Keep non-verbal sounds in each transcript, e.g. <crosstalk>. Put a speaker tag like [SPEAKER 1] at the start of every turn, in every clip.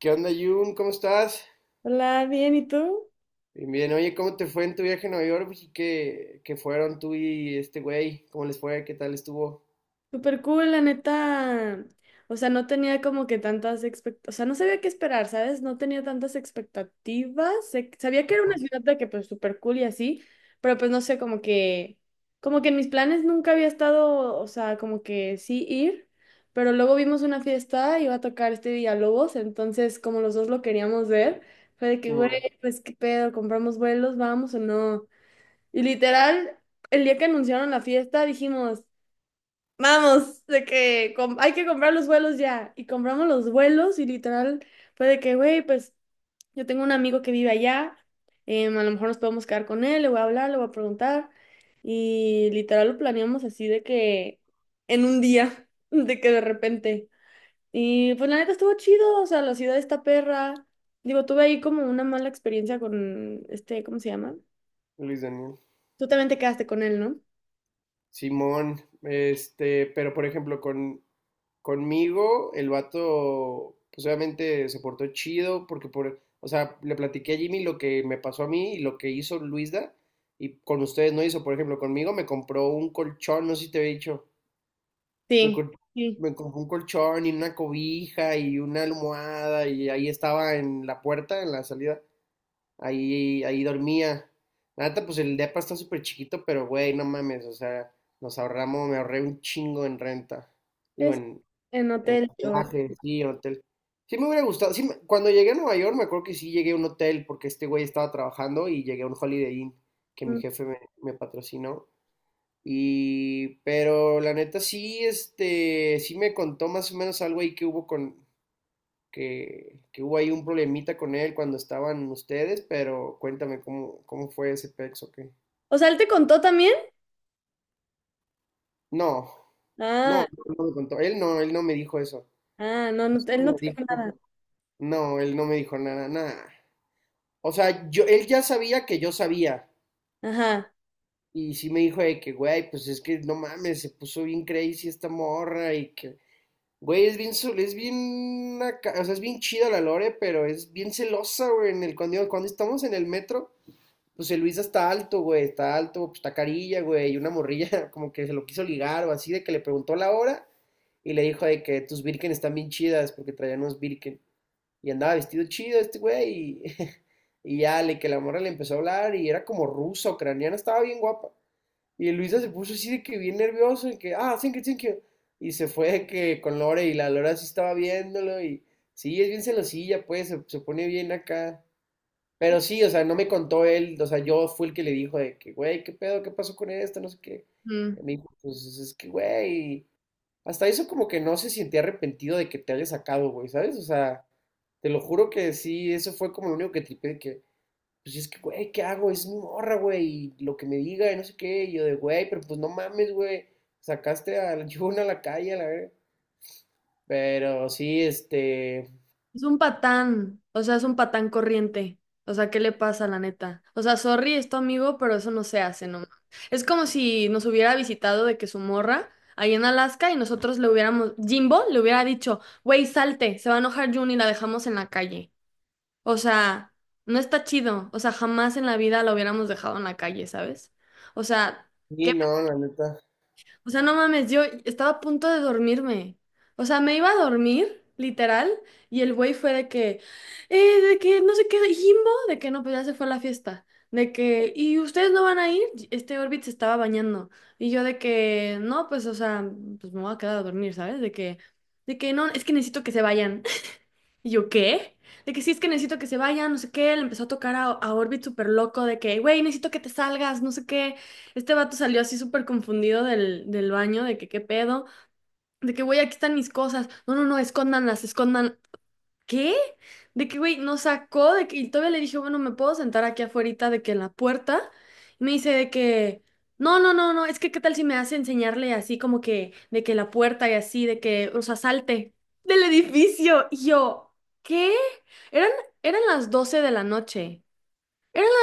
[SPEAKER 1] ¿Qué onda, Jun? ¿Cómo estás?
[SPEAKER 2] Hola, bien, ¿y tú?
[SPEAKER 1] Bien, bien. Oye, ¿cómo te fue en tu viaje a Nueva York? ¿Y qué fueron tú y este güey? ¿Cómo les fue? ¿Qué tal estuvo?
[SPEAKER 2] Súper cool, la neta. O sea, no tenía como que tantas expectativas, o sea, no sabía qué esperar, ¿sabes? No tenía tantas expectativas. Sabía que era una ciudad de que pues súper cool y así, pero pues no sé, como que en mis planes nunca había estado, o sea, como que sí ir, pero luego vimos una fiesta, iba a tocar este Villalobos, entonces como los dos lo queríamos ver, fue de que, güey,
[SPEAKER 1] Simón.
[SPEAKER 2] pues qué pedo, compramos vuelos, vamos o no. Y literal, el día que anunciaron la fiesta dijimos, vamos, de que hay que comprar los vuelos ya. Y compramos los vuelos y literal fue de que, güey, pues yo tengo un amigo que vive allá, a lo mejor nos podemos quedar con él, le voy a hablar, le voy a preguntar. Y literal lo planeamos así de que en un día, <laughs> de que de repente. Y pues la neta estuvo chido, o sea, la ciudad está perra. Digo, tuve ahí como una mala experiencia con este, ¿cómo se llama?
[SPEAKER 1] Luis Daniel.
[SPEAKER 2] Tú también te quedaste con él, ¿no?
[SPEAKER 1] Simón, este, pero por ejemplo, conmigo, el vato, pues obviamente se portó chido, porque por, o sea, le platiqué a Jimmy lo que me pasó a mí y lo que hizo Luisda, y con ustedes no hizo, por ejemplo, conmigo me compró un colchón, no sé si te había dicho. Me,
[SPEAKER 2] Sí,
[SPEAKER 1] co-
[SPEAKER 2] sí.
[SPEAKER 1] Me compré un colchón y una cobija y una almohada y ahí estaba en la puerta, en la salida. Ahí dormía. La neta, pues el depa está súper chiquito, pero güey, no mames, o sea, nos ahorramos, me ahorré un chingo en renta. Digo,
[SPEAKER 2] Es
[SPEAKER 1] en,
[SPEAKER 2] en
[SPEAKER 1] en
[SPEAKER 2] Hotel Dior.
[SPEAKER 1] hospedaje, sí, en hotel. Sí me hubiera gustado, sí, cuando llegué a Nueva York me acuerdo que sí llegué a un hotel porque este güey estaba trabajando y llegué a un Holiday Inn que mi jefe me patrocinó y, pero la neta sí, este, sí me contó más o menos algo ahí que hubo que hubo ahí un problemita con él cuando estaban ustedes, pero cuéntame cómo fue ese pex o qué.
[SPEAKER 2] O sea, ¿él te contó también?
[SPEAKER 1] No,
[SPEAKER 2] Ah,
[SPEAKER 1] no me contó. Él no me dijo eso.
[SPEAKER 2] ah, no, no, él no
[SPEAKER 1] Me
[SPEAKER 2] te dijo nada.
[SPEAKER 1] dijo- no, él no me dijo nada. O sea, yo, él ya sabía que yo sabía.
[SPEAKER 2] Ajá.
[SPEAKER 1] Y sí me dijo de que, güey, pues es que no mames, se puso bien crazy esta morra y que güey, es bien, o sea, es bien chida la Lore, pero es bien celosa, güey. Cuando estamos en el metro, pues el Luis está alto, güey, está alto, pues está carilla, güey, y una morrilla <laughs> como que se lo quiso ligar o así, de que le preguntó la hora y le dijo de que tus Birken están bien chidas porque traían unos Birken. Y andaba vestido chido este güey y, <laughs> y ya, le que la morra le empezó a hablar y era como rusa, ucraniana, estaba bien guapa. Y Luisa se puso así de que bien nervioso, y que, ah, thank you, thank you. Y se fue de que con Lore, y la Lore sí estaba viéndolo, y sí, es bien celosilla, pues, se pone bien acá. Pero sí, o sea, no me contó él, o sea, yo fui el que le dijo de que, güey, ¿qué pedo? ¿Qué pasó con esto? No sé qué. Y
[SPEAKER 2] Mm.
[SPEAKER 1] me dijo, pues es que, güey, hasta eso como que no se sentía arrepentido de que te haya sacado, güey, ¿sabes? O sea, te lo juro que sí, eso fue como lo único que tripé de que, pues es que, güey, ¿qué hago? Es mi morra, güey, y lo que me diga, y no sé qué, y yo de, güey, pero pues no mames, güey, sacaste al la <laughs> chivona a la calle, a la verga. Pero sí, este,
[SPEAKER 2] Es un patán, o sea, es un patán corriente. O sea, ¿qué le pasa, la neta? O sea, sorry, es tu amigo, pero eso no se hace, no. Es como si nos hubiera visitado de que su morra ahí en Alaska y nosotros le hubiéramos, Jimbo le hubiera dicho, güey, salte, se va a enojar June y la dejamos en la calle. O sea, no está chido. O sea, jamás en la vida la hubiéramos dejado en la calle, ¿sabes? O sea, qué.
[SPEAKER 1] sí, no, la neta.
[SPEAKER 2] O sea, no mames, yo estaba a punto de dormirme. O sea, me iba a dormir, literal, y el güey fue de que no sé qué, de Jimbo, de que no, pues ya se fue a la fiesta. De que, ¿y ustedes no van a ir? Este Orbit se estaba bañando. Y yo de que, no, pues, o sea, pues me voy a quedar a dormir, ¿sabes? De que no, es que necesito que se vayan. ¿Y yo qué? De que sí, es que necesito que se vaya, no sé qué. Le empezó a tocar a Orbit súper loco de que, güey, necesito que te salgas, no sé qué. Este vato salió así súper confundido del, del baño, de que qué pedo. De que, güey, aquí están mis cosas. No, no, no, escóndanlas, escondan. ¿Qué? De que, güey, nos sacó de que, y todavía le dije, bueno, ¿me puedo sentar aquí afuera de que en la puerta? Y me dice de que, no, no, no, no, es que qué tal si me hace enseñarle así como que, de que la puerta y así, de que, o sea, salte del edificio. Y yo, ¿qué? Eran, eran las 12 de la noche.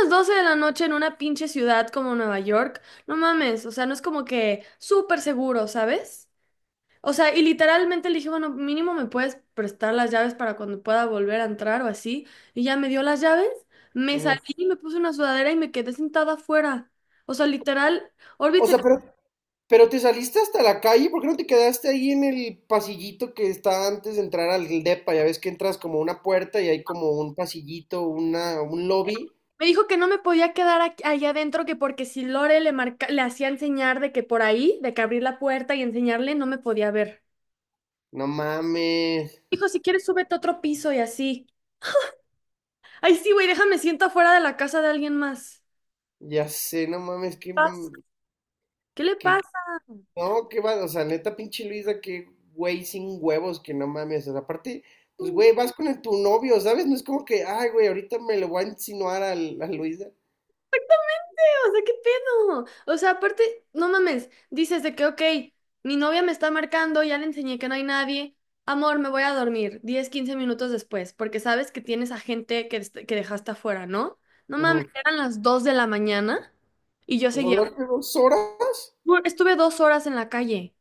[SPEAKER 2] Las 12 de la noche en una pinche ciudad como Nueva York. No mames, o sea, no es como que súper seguro, ¿sabes? O sea, y literalmente le dije, bueno, mínimo me puedes prestar las llaves para cuando pueda volver a entrar o así. Y ya me dio las llaves, me
[SPEAKER 1] Ujú.
[SPEAKER 2] salí, me puse una sudadera y me quedé sentada afuera. O sea, literal, Orbit
[SPEAKER 1] O sea, pero te saliste hasta la calle, ¿por qué no te quedaste ahí en el pasillito que está antes de entrar al depa? Ya ves que entras como una puerta y hay como un pasillito, un lobby.
[SPEAKER 2] me dijo que no me podía quedar allá adentro, que porque si Lore le marca, le hacía enseñar de que por ahí, de que abrir la puerta y enseñarle, no me podía ver.
[SPEAKER 1] No mames,
[SPEAKER 2] Dijo, si quieres, súbete a otro piso y así. Ay, sí, güey, déjame siento afuera de la casa de alguien más.
[SPEAKER 1] ya sé, no mames, qué,
[SPEAKER 2] Paz. ¿Qué le pasa?
[SPEAKER 1] qué No, qué va, o sea, neta, pinche Luisa, qué güey sin huevos, que no mames. O sea, aparte, pues güey, vas con tu novio, ¿sabes? No es como que, ay, güey, ahorita me lo voy a insinuar a, Luisa.
[SPEAKER 2] <laughs> O sea, ¿qué pedo? O sea, aparte, no mames, dices de que, ok, mi novia me está marcando, ya le enseñé que no hay nadie. Amor, me voy a dormir 10 15 minutos después, porque sabes que tienes a gente que, que dejaste afuera, ¿no? No
[SPEAKER 1] Ujú.
[SPEAKER 2] mames, eran las 2 de la mañana y yo
[SPEAKER 1] O sea,
[SPEAKER 2] seguía.
[SPEAKER 1] ¿duró que 2 horas?
[SPEAKER 2] Estuve 2 horas en la calle.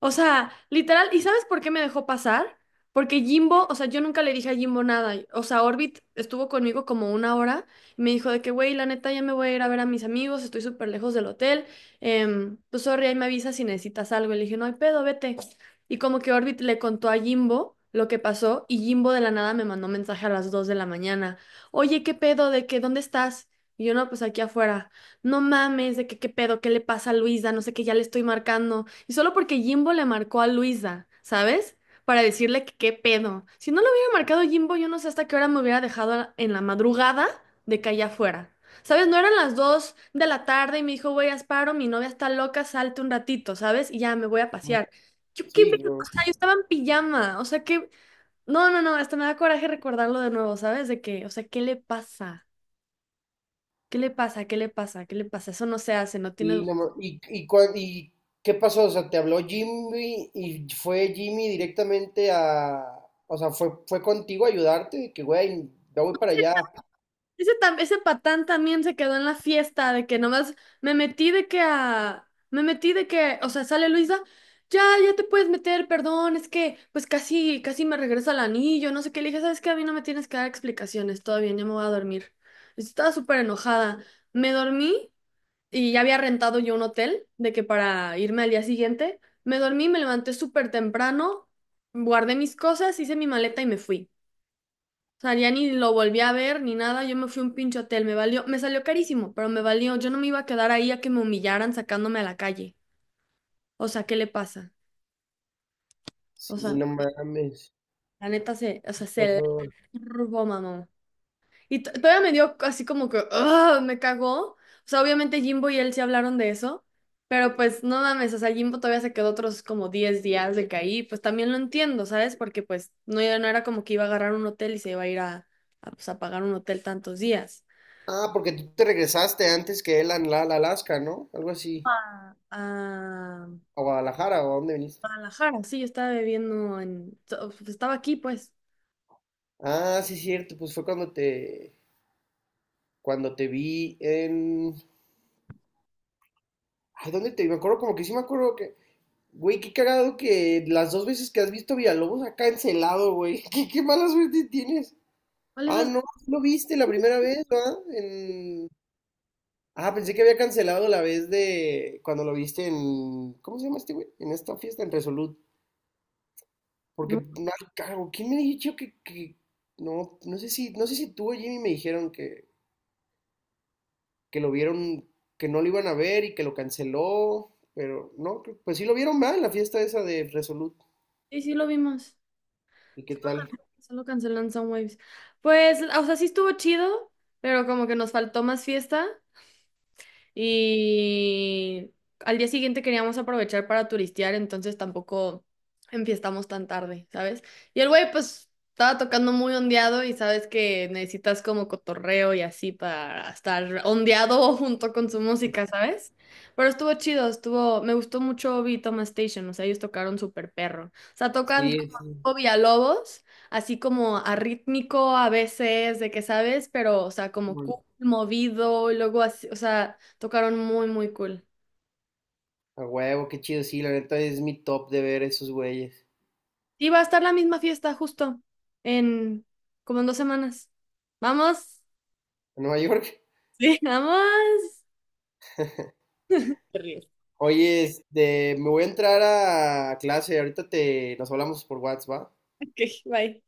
[SPEAKER 2] O sea, literal, ¿y sabes por qué me dejó pasar? Porque Jimbo, o sea, yo nunca le dije a Jimbo nada. O sea, Orbit estuvo conmigo como una hora y me dijo de que, güey, la neta ya me voy a ir a ver a mis amigos, estoy súper lejos del hotel. Pues, sorry, ahí me avisas si necesitas algo. Y le dije, no hay pedo, vete. Y como que Orbit le contó a Jimbo lo que pasó y Jimbo de la nada me mandó mensaje a las 2 de la mañana. Oye, ¿qué pedo? ¿De qué? ¿Dónde estás? Y yo, no, pues aquí afuera. No mames, de que qué pedo, qué le pasa a Luisa, no sé qué, ya le estoy marcando. Y solo porque Jimbo le marcó a Luisa, ¿sabes? Para decirle que qué pedo. Si no le hubiera marcado Jimbo, yo no sé hasta qué hora me hubiera dejado en la madrugada de que allá fuera. ¿Sabes? No eran las 2 de la tarde y me dijo, güey, Asparo, mi novia está loca, salte un ratito, ¿sabes? Y ya me voy a
[SPEAKER 1] Ujú.
[SPEAKER 2] pasear. Yo qué
[SPEAKER 1] Sí,
[SPEAKER 2] pedo,
[SPEAKER 1] güey.
[SPEAKER 2] o sea, yo estaba en pijama, o sea, que... No, no, no, hasta me da coraje recordarlo de nuevo, ¿sabes? De que, o sea, ¿qué le pasa? ¿Qué le pasa? ¿Qué le pasa? ¿Qué le pasa? Eso no se hace, no tiene...
[SPEAKER 1] Y, no ma- y qué pasó? O sea, te habló Jimmy y fue Jimmy directamente a. O sea, fue contigo a ayudarte, de que güey, ya voy para allá.
[SPEAKER 2] Ese, ese patán también se quedó en la fiesta de que nomás me metí de que a... Me metí de que, o sea, sale Luisa, ya, ya te puedes meter, perdón, es que pues casi, casi me regresa el anillo, no sé qué, le dije, ¿sabes qué? A mí no me tienes que dar explicaciones, todo bien, ya me voy a dormir. Estaba súper enojada. Me dormí y ya había rentado yo un hotel de que para irme al día siguiente, me dormí, me levanté súper temprano, guardé mis cosas, hice mi maleta y me fui. O sea, ya ni lo volví a ver ni nada, yo me fui a un pinche hotel, me valió, me salió carísimo, pero me valió, yo no me iba a quedar ahí a que me humillaran sacándome a la calle. O sea, ¿qué le pasa? O
[SPEAKER 1] Sí,
[SPEAKER 2] sea,
[SPEAKER 1] no mames.
[SPEAKER 2] la neta se, o
[SPEAKER 1] ¿Qué
[SPEAKER 2] sea, se la
[SPEAKER 1] pasó?
[SPEAKER 2] turbó, mamá. Y todavía me dio así como que, "Ugh", me cagó. O sea, obviamente Jimbo y él sí hablaron de eso, pero pues no mames, o sea, Jimbo todavía se quedó otros como 10 días de que ahí, pues también lo entiendo, ¿sabes? Porque pues no, no era como que iba a agarrar un hotel y se iba a ir a, pues, a pagar un hotel tantos días.
[SPEAKER 1] Ah, porque tú te regresaste antes que él a a Alaska, ¿no? Algo así.
[SPEAKER 2] A, a
[SPEAKER 1] A Guadalajara, ¿o a dónde viniste?
[SPEAKER 2] Guadalajara, sí, yo estaba bebiendo en... Estaba aquí, pues.
[SPEAKER 1] Ah, sí, cierto. Pues fue cuando te vi en... Ay, ¿dónde te vi? Me acuerdo como que sí me acuerdo que... Güey, qué cagado que las dos veces que has visto Villalobos ha cancelado, güey. <laughs> ¿Qué mala suerte tienes?
[SPEAKER 2] Cuáles
[SPEAKER 1] Ah,
[SPEAKER 2] dos.
[SPEAKER 1] no, sí lo viste la primera vez, ¿verdad? En... Ah, pensé que había cancelado la vez de cuando lo viste en... ¿Cómo se llama este güey? En esta fiesta, en Resolute. Porque
[SPEAKER 2] No,
[SPEAKER 1] no hay cargo. ¿Quién me dijo no, no sé si tú o Jimmy me dijeron que lo vieron, que no lo iban a ver y que lo canceló, pero no, pues sí lo vieron mal la fiesta esa de Resolute.
[SPEAKER 2] sí, sí lo vimos.
[SPEAKER 1] ¿Y qué
[SPEAKER 2] Solo,
[SPEAKER 1] tal?
[SPEAKER 2] solo cancelan Soundwaves. Pues, o sea, sí estuvo chido, pero como que nos faltó más fiesta. Y al día siguiente queríamos aprovechar para turistear, entonces tampoco enfiestamos tan tarde, ¿sabes? Y el güey pues estaba tocando muy ondeado y sabes que necesitas como cotorreo y así para estar ondeado <laughs> junto con su música, ¿sabes? Pero estuvo chido, estuvo, me gustó mucho Obi y Toma Station, o sea, ellos tocaron súper perro. O sea, tocan
[SPEAKER 1] Sí,
[SPEAKER 2] como
[SPEAKER 1] sí,
[SPEAKER 2] tipo Villalobos, así como arrítmico a veces, de que sabes, pero o sea, como
[SPEAKER 1] bueno.
[SPEAKER 2] cool, movido, y luego así, o sea, tocaron muy, muy cool.
[SPEAKER 1] A huevo, qué chido, sí, la neta es mi top de ver esos güeyes.
[SPEAKER 2] Y va a estar la misma fiesta justo en como en 2 semanas. Vamos.
[SPEAKER 1] En Nueva York. <laughs>
[SPEAKER 2] Sí. <laughs> Vamos. Te ríes.
[SPEAKER 1] Oye, este, me voy a entrar a clase, ahorita te, nos hablamos por WhatsApp, ¿va?
[SPEAKER 2] Ok, bye.